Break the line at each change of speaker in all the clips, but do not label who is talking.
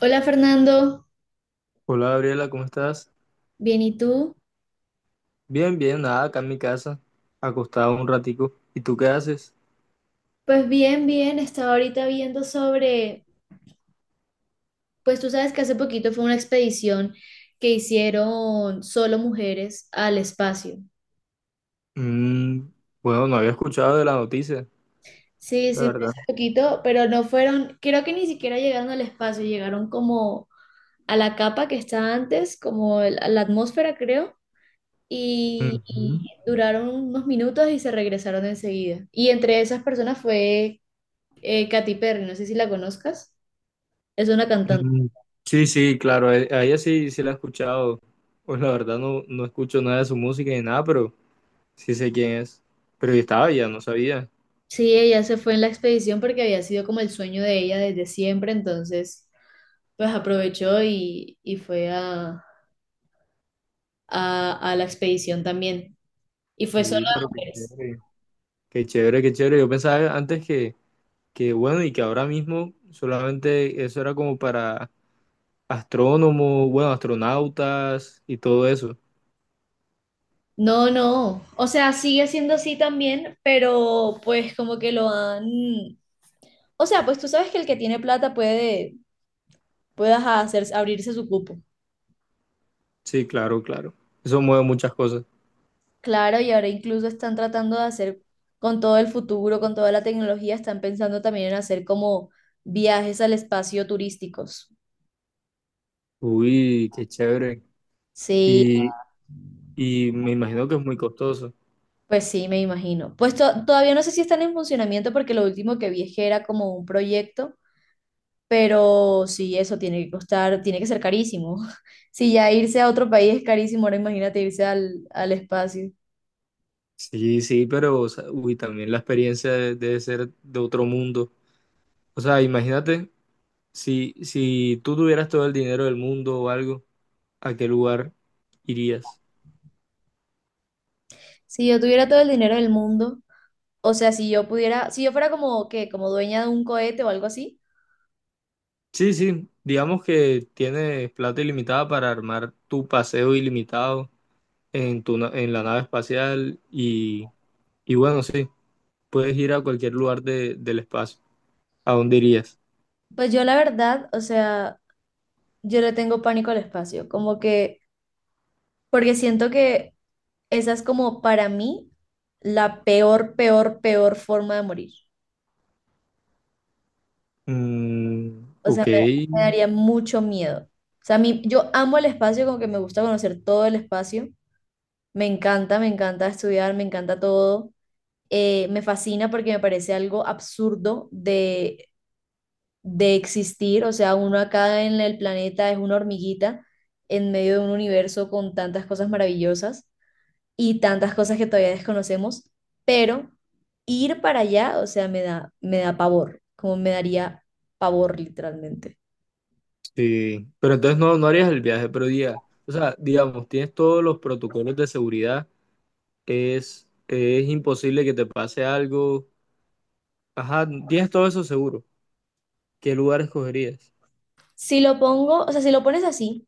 Hola Fernando,
Hola Gabriela, ¿cómo estás?
bien, ¿y tú?
Bien, bien, nada, acá en mi casa, acostado un ratico. ¿Y tú qué haces?
Pues bien, bien, estaba ahorita viendo sobre, pues tú sabes que hace poquito fue una expedición que hicieron solo mujeres al espacio.
Mm, bueno, no había escuchado de la noticia,
Sí,
la
sí, fue hace
verdad.
poquito, pero no fueron, creo que ni siquiera llegaron al espacio, llegaron como a la capa que está antes, a la atmósfera creo, y,
Ujú.
y duraron unos minutos y se regresaron enseguida. Y entre esas personas fue Katy Perry, no sé si la conozcas, es una cantante.
Mm, sí, sí, claro, a ella sí, sí la he escuchado. Pues la verdad no, no escucho nada de su música ni nada, pero sí sé quién es. Pero yo estaba ya, no sabía.
Sí, ella se fue en la expedición porque había sido como el sueño de ella desde siempre, entonces pues aprovechó y fue a la expedición también. Y fue solo
Uy,
de
pero qué
mujeres.
chévere. Qué chévere, qué chévere. Yo pensaba antes que bueno, y que ahora mismo solamente eso era como para astrónomos, bueno, astronautas y todo eso.
No, no, o sea, sigue siendo así también, pero pues como que lo han... O sea, pues tú sabes que el que tiene plata puede, puede ajá, hacer, abrirse su cupo.
Sí, claro, claro. Eso mueve muchas cosas.
Claro, y ahora incluso están tratando de hacer con todo el futuro, con toda la tecnología, están pensando también en hacer como viajes al espacio turísticos.
Uy, qué chévere.
Sí,
Y, y me imagino que es muy costoso.
pues sí, me imagino. Pues todavía no sé si están en funcionamiento porque lo último que vi es que era como un proyecto, pero sí, eso tiene que costar, tiene que ser carísimo. Si ya irse a otro país es carísimo, ahora imagínate irse al espacio.
Sí, sí, pero, o sea, uy, también la experiencia debe ser de otro mundo. O sea, imagínate si, si tú tuvieras todo el dinero del mundo o algo, ¿a qué lugar irías?
Si yo tuviera todo el dinero del mundo, o sea, si yo pudiera, si yo fuera como que, como dueña de un cohete o algo así,
Sí, sí, digamos que tienes plata ilimitada para armar tu paseo ilimitado en en la nave espacial. Y bueno, sí, puedes ir a cualquier lugar del espacio. ¿A dónde irías?
pues yo la verdad, o sea, yo le tengo pánico al espacio, como que, porque siento que esa es como para mí la peor, peor, peor forma de morir.
Mm,
O
ok,
sea, me daría mucho miedo. O sea, a mí, yo amo el espacio, como que me gusta conocer todo el espacio. Me encanta estudiar, me encanta todo. Me fascina porque me parece algo absurdo de existir. O sea, uno acá en el planeta es una hormiguita en medio de un universo con tantas cosas maravillosas y tantas cosas que todavía desconocemos, pero ir para allá, o sea, me da pavor, como me daría pavor literalmente.
sí. Pero entonces no, no harías el viaje, pero diga, o sea, digamos, tienes todos los protocolos de seguridad, es imposible que te pase algo. Ajá, tienes todo eso seguro. ¿Qué lugar escogerías?
Si lo pongo, o sea, si lo pones así,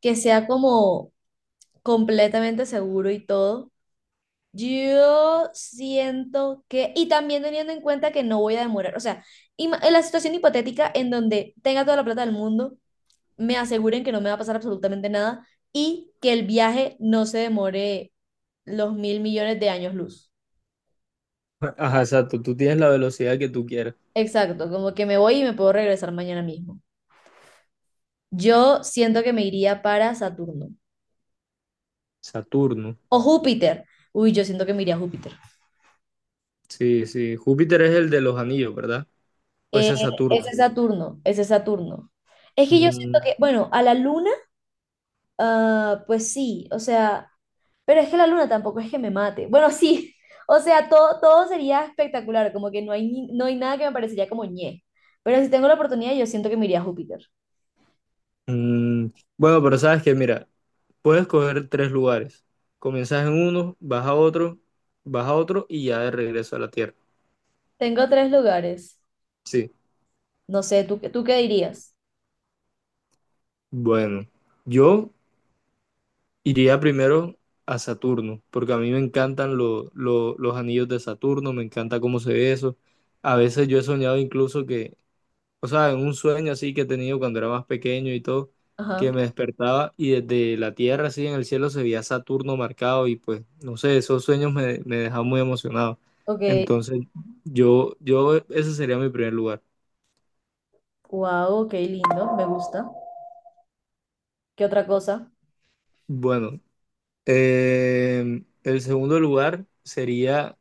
que sea como completamente seguro y todo, yo siento que, y también teniendo en cuenta que no voy a demorar, o sea, en la situación hipotética en donde tenga toda la plata del mundo, me aseguren que no me va a pasar absolutamente nada y que el viaje no se demore los mil millones de años luz.
Ajá, exacto, tú tienes la velocidad que tú quieras.
Exacto, como que me voy y me puedo regresar mañana mismo. Yo siento que me iría para Saturno
Saturno.
o Júpiter. Uy, yo siento que me iría a Júpiter.
Sí, sí. Júpiter es el de los anillos, ¿verdad? Pues
Eh,
es Saturno.
Ese Saturno, ese Saturno. Es que yo siento que,
Mm,
bueno, a la luna, ah, pues sí, o sea, pero es que la luna tampoco es que me mate. Bueno, sí, o sea, todo, todo sería espectacular, como que no hay, no hay nada que me parecería como ñe. Pero si tengo la oportunidad, yo siento que me iría a Júpiter.
mm, bueno, pero sabes que, mira. Puedes coger tres lugares. Comienzas en uno, vas a otro y ya de regreso a la Tierra.
Tengo tres lugares.
Sí.
No sé, ¿ tú qué dirías?
Bueno, yo iría primero a Saturno, porque a mí me encantan los anillos de Saturno, me encanta cómo se ve eso. A veces yo he soñado incluso que, o sea, en un sueño así que he tenido cuando era más pequeño y todo,
Ajá,
que me despertaba y desde la tierra así en el cielo se veía Saturno marcado y pues, no sé, esos sueños me, me dejaban muy emocionado.
ok.
Entonces, ese sería mi primer lugar.
Wow, qué lindo, me gusta. ¿Qué otra cosa?
Bueno, el segundo lugar sería,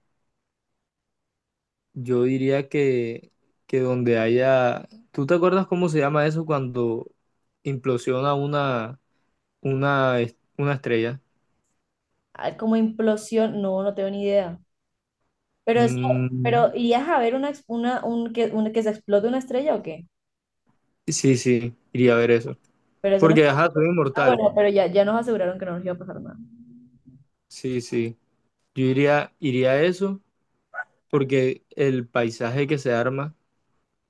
yo diría que donde haya, ¿tú te acuerdas cómo se llama eso cuando implosiona una, una estrella?
Ah, como implosión, no, no tengo ni idea. Pero eso,
Mm,
pero ¿irías a ver una, ex- una, un- que se explote una estrella o qué?
sí, sí, iría a ver eso.
Pero eso no es-
Porque, ajá, soy
Ah,
inmortal.
bueno, pero ya, ya nos aseguraron que no nos iba a pasar nada.
Sí, sí. Yo iría a eso porque el paisaje que se arma,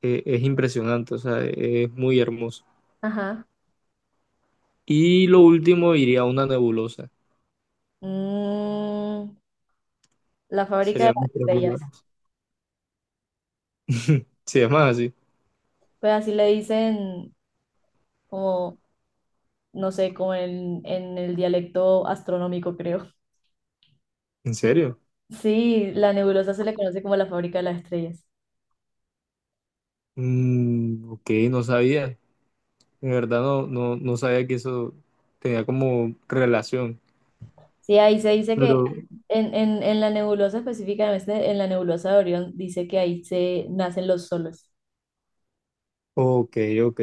es impresionante, o sea, es muy hermoso.
Ajá.
Y lo último, iría a una nebulosa.
Mm, la fábrica de
Serían mis
las
tres
estrellas.
lugares. Sí, es más así.
Pues así le dicen como, no sé, como en el dialecto astronómico, creo.
¿En serio?
Sí, la nebulosa se le conoce como la fábrica de las estrellas.
Mm, ok, no sabía. De verdad, no, no, no sabía que eso tenía como relación.
Sí, ahí se dice que
Pero
En la nebulosa específicamente, en la nebulosa de Orión, dice que ahí se nacen los soles.
ok, ok.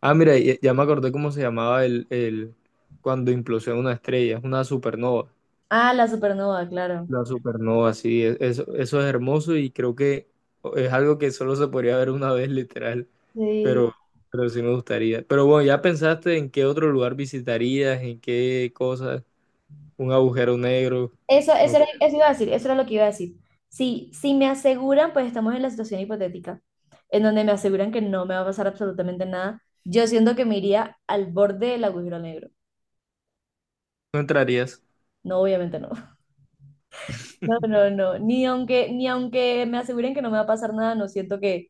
Ah, mira, ya, ya me acordé cómo se llamaba el cuando implosiona una estrella, es una supernova.
Ah, la supernova, claro.
La supernova, sí, eso, eso es hermoso y creo que es algo que solo se podría ver una vez, literal,
Sí.
pero, pero sí me gustaría. Pero bueno, ¿ya pensaste en qué otro lugar visitarías, en qué cosas? Un agujero negro,
Eso
no,
era, eso iba a decir, eso era lo que iba a decir. Si me aseguran, pues estamos en la situación hipotética, en donde me aseguran que no me va a pasar absolutamente nada, yo siento que me iría al borde del agujero negro.
no entrarías.
No, obviamente no. No, no, no. Ni aunque, ni aunque me aseguren que no me va a pasar nada, no siento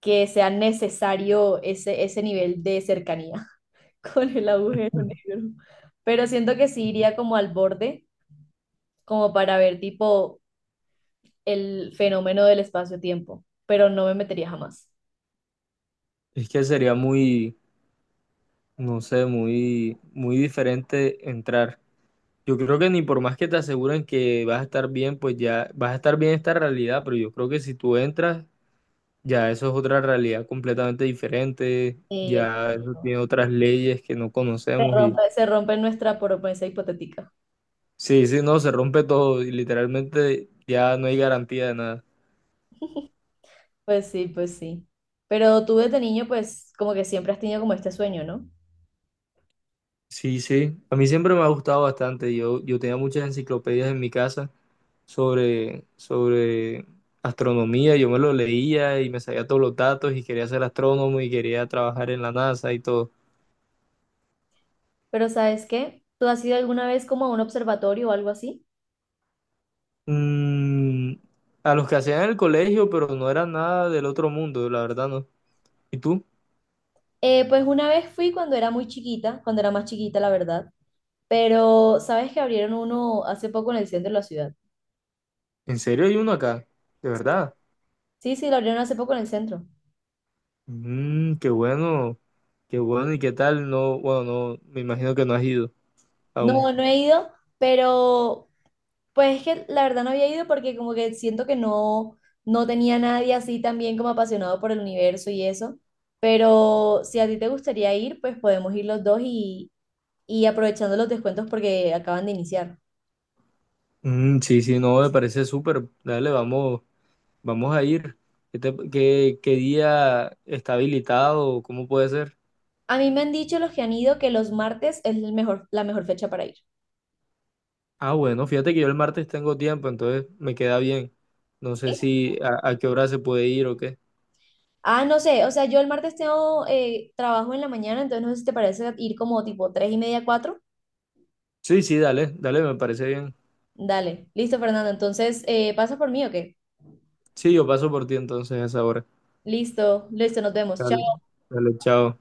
que sea necesario ese nivel de cercanía. con el agujero negro. Pero siento que sí iría como al borde, como para ver tipo el fenómeno del espacio-tiempo, pero no me metería jamás.
Es que sería muy, no sé, muy, muy diferente entrar. Yo creo que ni por más que te aseguren que vas a estar bien, pues ya vas a estar bien esta realidad, pero yo creo que si tú entras, ya eso es otra realidad completamente diferente,
Y
ya eso
exacto.
tiene otras leyes que no conocemos y
Se rompe nuestra promesa hipotética.
sí, sí, no, se rompe todo y literalmente ya no hay garantía de nada.
Pues sí, pues sí. Pero tú desde niño, pues como que siempre has tenido como este sueño, ¿no?
Sí, sí, a mí siempre me ha gustado bastante, yo tenía muchas enciclopedias en mi casa sobre, sobre astronomía, yo me lo leía y me sabía todos los datos y quería ser astrónomo y quería trabajar en la NASA y todo.
Pero ¿sabes qué? ¿Tú has ido alguna vez como a un observatorio o algo así?
Mm, a los que hacían en el colegio, pero no era nada del otro mundo, la verdad no. ¿Y tú?
Pues una vez fui cuando era muy chiquita, cuando era más chiquita, la verdad. Pero ¿sabes que abrieron uno hace poco en el centro de la ciudad?
¿En serio hay uno acá? ¿De verdad?
Sí, sí, lo abrieron hace poco en el centro.
Mm, qué bueno y qué tal. No, bueno, no, me imagino que no has ido aún.
No, no he ido, pero pues es que la verdad no había ido porque como que siento que no, no tenía nadie así también como apasionado por el universo y eso. Pero si a ti te gustaría ir, pues podemos ir los dos y aprovechando los descuentos porque acaban de iniciar.
Mm, sí, sí, no, me parece súper. Dale, vamos, vamos a ir. ¿Qué, qué, qué día está habilitado? ¿Cómo puede ser?
A mí me han dicho los que han ido que los martes es el mejor, la mejor fecha para ir.
Ah, bueno, fíjate que yo el martes tengo tiempo, entonces me queda bien. No sé
¿Sí?
si a, a qué hora se puede ir o qué.
Ah, no sé, o sea, yo el martes tengo trabajo en la mañana, entonces no sé si te parece ir como tipo tres y media, cuatro.
Sí, sí, dale, dale, me parece bien.
Dale, listo, Fernando. Entonces, ¿pasa por mí o qué?
Sí, yo paso por ti entonces a esa hora.
Listo, listo, nos vemos.
Dale,
Chao.
dale, chao.